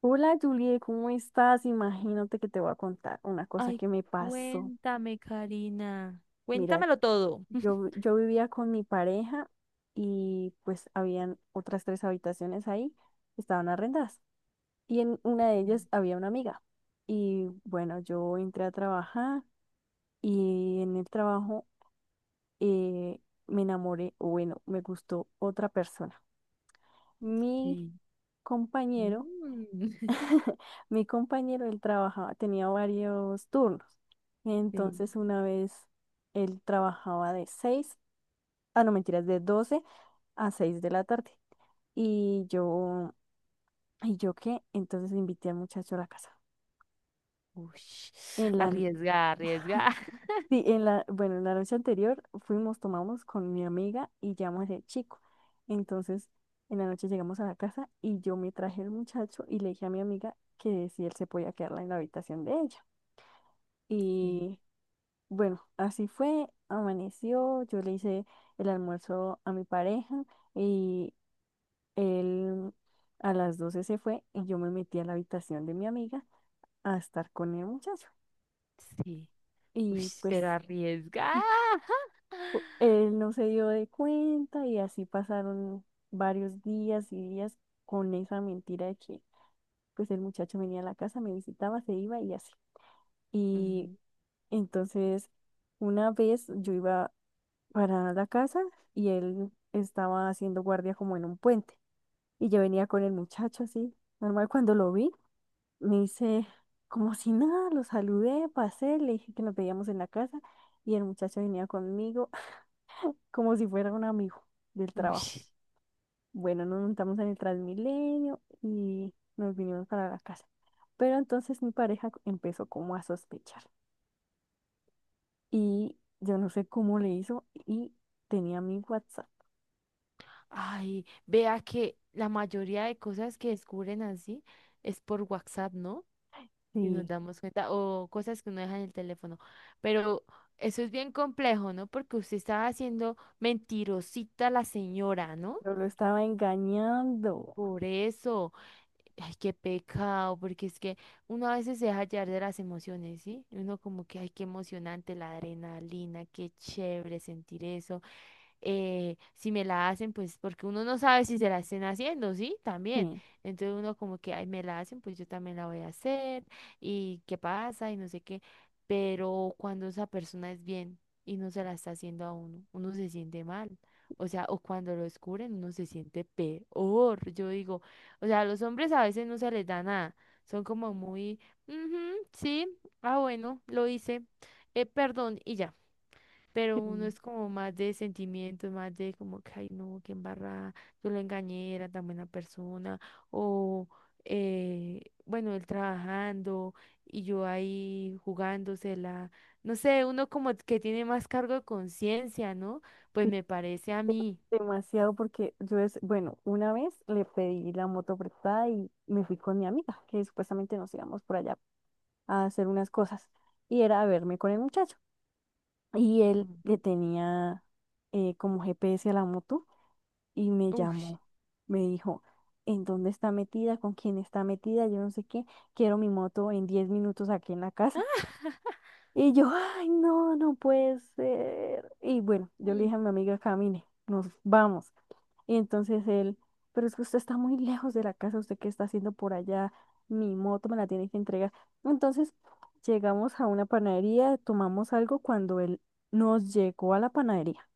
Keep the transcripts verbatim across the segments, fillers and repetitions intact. Hola Julie, ¿cómo estás? Imagínate que te voy a contar una cosa Ay, que me pasó. cuéntame, Karina. Mira, Cuéntamelo todo. yo, yo vivía con mi pareja y pues habían otras tres habitaciones ahí, estaban arrendadas. Y en una de ellas había una amiga. Y bueno, yo entré a trabajar y en el trabajo eh, me enamoré, o bueno, me gustó otra persona. Mi Sí. compañero. Mm, Mi compañero, él trabajaba, tenía varios turnos. sí. Entonces, una vez él trabajaba de seis ah, no, mentiras, de doce a seis de la tarde. Y yo, ¿y yo qué? Entonces invité al muchacho a la casa. En Ush, la, n- arriesga, arriesga. sí, en la, bueno, en la noche anterior fuimos, tomamos con mi amiga y llamamos al chico. Entonces, en la noche llegamos a la casa y yo me traje al muchacho y le dije a mi amiga que si él se podía quedarla en la habitación de ella. Sí, Y bueno, así fue, amaneció, yo le hice el almuerzo a mi pareja y él a las doce se fue y yo me metí a la habitación de mi amiga a estar con el muchacho. sí. Y Ush, pues pero arriesga. u- él no se dio de cuenta y así pasaron varios días y días con esa mentira de que pues el muchacho venía a la casa, me visitaba, se iba y así. Y entonces una vez yo iba para la casa y él estaba haciendo guardia como en un puente. Y yo venía con el muchacho así, normal cuando lo vi, me hice como si nada, lo saludé, pasé, le dije que nos veíamos en la casa y el muchacho venía conmigo como si fuera un amigo del Ujú, trabajo. ush. Bueno, nos montamos en el Transmilenio y nos vinimos para la casa. Pero entonces mi pareja empezó como a sospechar y yo no sé cómo le hizo y tenía mi WhatsApp. Ay, vea que la mayoría de cosas que descubren así es por WhatsApp, ¿no? Y nos Sí. damos cuenta, o cosas que uno deja en el teléfono. Pero eso es bien complejo, ¿no? Porque usted estaba haciendo mentirosita a la señora, ¿no? Yo lo estaba engañando. Por eso, ay, qué pecado, porque es que uno a veces se deja llevar de las emociones, ¿sí? Y uno como que, ay, qué emocionante la adrenalina, qué chévere sentir eso. Eh, si me la hacen, pues porque uno no sabe si se la estén haciendo, ¿sí? También. Sí. Entonces uno como que, ay, me la hacen, pues yo también la voy a hacer y qué pasa y no sé qué. Pero cuando esa persona es bien y no se la está haciendo a uno, uno se siente mal. O sea, o cuando lo descubren, uno se siente peor. Yo digo, o sea, a los hombres a veces no se les da nada. Son como muy, "Ujú, sí, ah, bueno, lo hice, eh, perdón, y ya". Pero uno Mm. es como más de sentimientos, más de como que, ay, no, qué embarrada, yo lo engañé, era tan buena persona, o, eh, bueno, él trabajando y yo ahí jugándosela, no sé, uno como que tiene más cargo de conciencia, ¿no? Pues Sí, me parece a mí. demasiado, porque yo es, bueno, una vez le pedí la moto prestada y me fui con mi amiga, que supuestamente nos íbamos por allá a hacer unas cosas. Y era a verme con el muchacho. Y él Mm. le tenía eh, como G P S a la moto y me Uy, llamó. Me dijo, ¿en dónde está metida? ¿Con quién está metida? Yo no sé qué. Quiero mi moto en diez minutos aquí en la casa. Y yo, ay, no, no puede ser. Y bueno, yo le mm. dije a mi amiga, camine, nos vamos. Y entonces él, pero es que usted está muy lejos de la casa, ¿usted qué está haciendo por allá? Mi moto me la tiene que entregar. Entonces llegamos a una panadería, tomamos algo cuando él nos llegó a la panadería.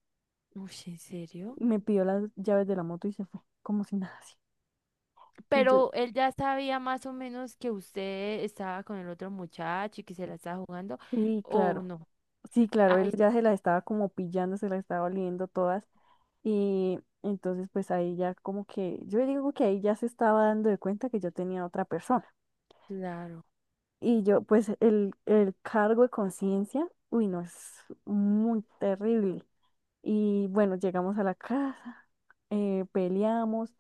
Uy, ¿en serio? Me pidió las llaves de la moto y se fue, como si nada así. Y yo, Pero él ya sabía más o menos que usted estaba con el otro muchacho y que se la estaba jugando, sí, ¿o claro, no? sí, claro, él Ay, ya se las estaba como pillando, se las estaba oliendo todas. Y entonces pues ahí ya como que, yo digo que ahí ya se estaba dando de cuenta que yo tenía otra persona. claro. Y yo pues el, el cargo de conciencia, uy, no, es muy terrible. Y bueno, llegamos a la casa, eh, peleamos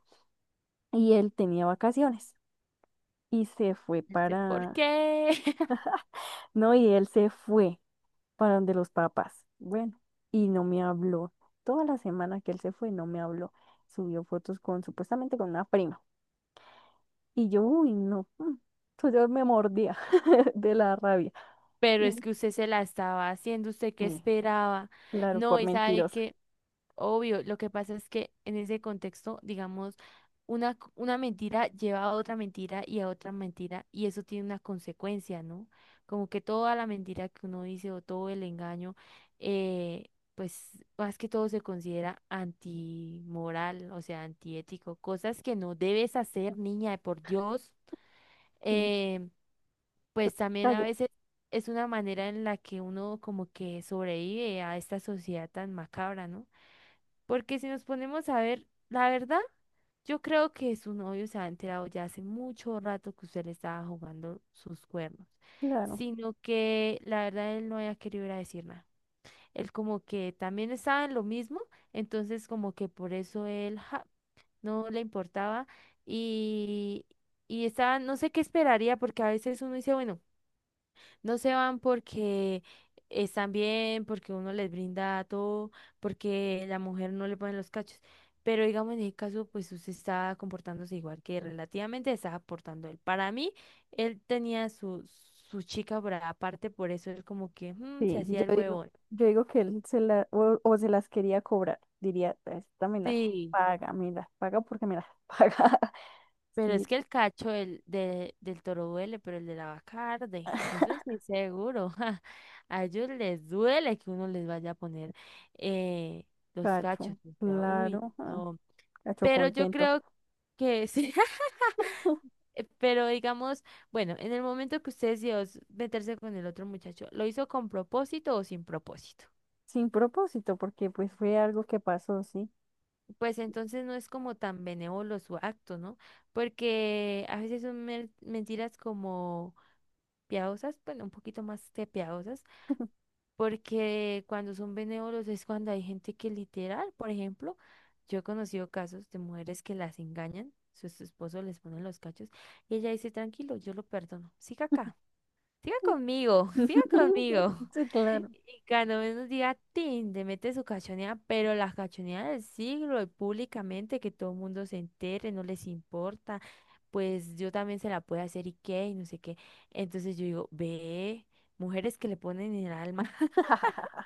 y él tenía vacaciones y se fue No sé por para, qué. no, y él se fue para donde los papás. Bueno, y no me habló. Toda la semana que él se fue, no me habló. Subió fotos con supuestamente con una prima. Y yo, uy, no. Mm. Entonces yo me mordía de la rabia. Pero es Y, que usted se la estaba haciendo, usted qué eh, esperaba. claro, No, por y sabe mentirosa. que, obvio, lo que pasa es que en ese contexto, digamos, una, c- una mentira lleva a otra mentira y a otra mentira, y eso tiene una consecuencia, ¿no? Como que toda la mentira que uno dice o todo el engaño, eh, pues más que todo se considera antimoral, o sea, antiético, cosas que no debes hacer, niña, por Dios. Sí. eh, pues también a Cagué. veces es una manera en la que uno como que sobrevive a esta sociedad tan macabra, ¿no? Porque si nos ponemos a ver, la verdad, yo creo que su novio se ha enterado ya hace mucho rato que usted le estaba jugando sus cuernos, Claro, sino que la verdad él no había querido ir a decir nada. Él como que también estaba en lo mismo, entonces como que por eso él ja, no le importaba y, y estaba, no sé qué esperaría, porque a veces uno dice, bueno, no se van porque están bien, porque uno les brinda todo, porque la mujer no le pone los cachos. Pero digamos, en ese caso, pues usted está comportándose igual que relativamente está aportando él. Para mí, él tenía su, su chica por aparte, por eso él como que mm, se sí, hacía el yo digo, huevón. yo digo que él se la, o, o se las quería cobrar. Diría, esta me las Sí. paga, me las paga porque me las paga. Pero es Sí, que el cacho del, de- del toro duele, pero el de la vaca arde. Eso sí, seguro. A ellos les duele que uno les vaya a poner eh, los cachos. cacho, O sea, uy, claro, ah, no. cacho Pero yo contento. creo que sí. Eh, Pero digamos, bueno, en el momento que usted decidió s- meterse con el otro muchacho, ¿lo hizo con propósito o sin propósito? Sin propósito, porque pues fue algo que pasó, sí. Pues entonces no es como tan benévolo su acto, ¿no? Porque a veces son mer- mentiras como... piadosas, bueno, un poquito más que piadosas, porque cuando son benévolos es cuando hay gente que literal, por ejemplo, yo he conocido casos de mujeres que las engañan, su, su esposo les pone los cachos y ella dice, tranquilo, yo lo perdono, siga acá. Siga conmigo, siga conmigo. Sí, claro. Y cuando menos diga, tin, te mete su cachoneada, pero la cachoneada del siglo y públicamente que todo el mundo se entere, no les importa, pues yo también se la puedo hacer y qué, y no sé qué. Entonces yo digo, ve, mujeres que le ponen en el alma.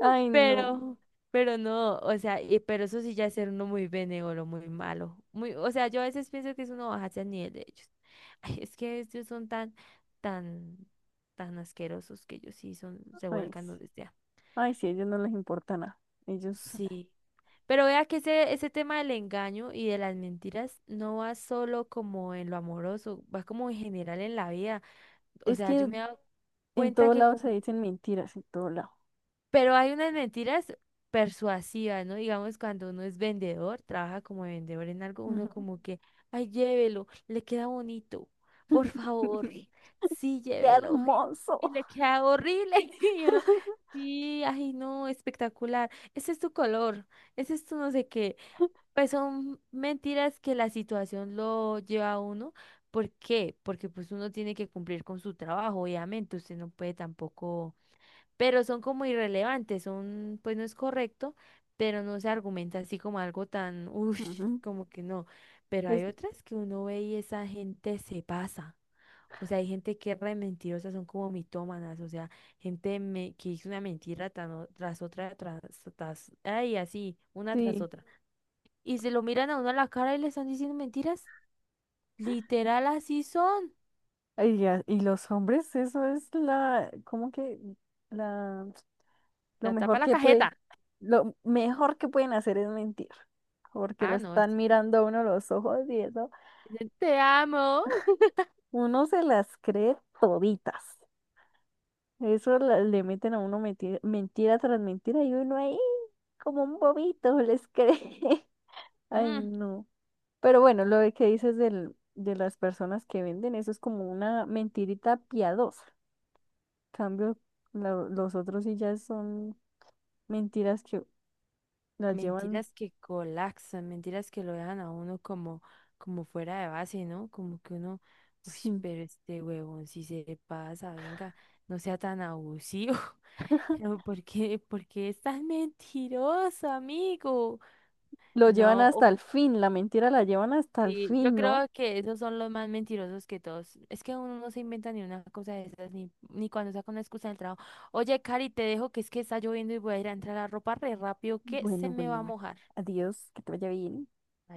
Ay, no. Pero, pero no, o sea, y- pero eso sí ya es ser uno muy benévolo, muy malo. Muy, o sea, yo a veces pienso que es uno bajarse al nivel de ellos. Ay, es que ellos son tan, tan, tan asquerosos que ellos sí son, se Ay, vuelcan sí. donde sea. Ay, sí, a ellos no les importa nada. Ellos, Sí. Pero vea que ese, ese tema del engaño y de las mentiras no va solo como en lo amoroso, va como en general en la vida. O es sea, yo que me he dado en cuenta todo que lado se como dicen mentiras, en todo lado. pero hay unas mentiras persuasivas, ¿no? Digamos, cuando uno es vendedor, trabaja como vendedor en algo, uno Ujú. como que, ay, llévelo, le queda bonito, por favor, sí, ¡Qué llévelo. Y, y hermoso! le queda horrible. Y uno, sí, ay, no, espectacular. Ese es tu color, ese es tu no sé qué. Pues son mentiras que la situación lo lleva a uno. ¿Por qué? Porque pues uno tiene que cumplir con su trabajo, obviamente. Usted no puede tampoco, pero son como irrelevantes, son, pues no es correcto, pero no se argumenta así como algo tan, uff, Ujú. como que no. Pero Es- hay otras que uno ve y esa gente se pasa. O sea, hay gente que es re mentirosa, son como mitómanas, o sea, gente me- que hizo una mentira tan o- tras otra, tras, tras, ay, así, una tras sí, otra. Y se lo miran a uno a la cara y le están diciendo mentiras. Literal, así son. ay, ya, y, los hombres, eso es la, como que la, lo La tapa mejor la que puede, cajeta. lo mejor que pueden hacer es mentir, porque lo Ah, no, es. están mirando a uno los ojos y eso, Te amo. uno se las cree toditas. Eso la- le meten a uno mentira, mentira tras mentira y uno ahí como un bobito les cree. Ay, no. Pero bueno, lo de que dices del, de las personas que venden, eso es como una mentirita piadosa. Cambio, lo- los otros sí ya son mentiras que las llevan, Mentiras que colapsan, mentiras que lo dejan a uno como, como fuera de base, ¿no? Como que uno, uy, sí, pero este huevón, si se pasa, venga, no sea tan abusivo. No, ¿por qué, por qué es tan mentiroso, amigo? lo llevan No, o- hasta el fin, la mentira la llevan hasta el sí, yo fin, ¿no? creo que esos son los más mentirosos que todos. Es que uno no se inventa ni una cosa de esas, ni, ni cuando saca una excusa del trabajo. Oye, Cari, te dejo que es que está lloviendo y voy a ir a entrar la ropa re rápido que se Bueno, me va bueno, a bueno. mojar. Adiós, que te vaya bien.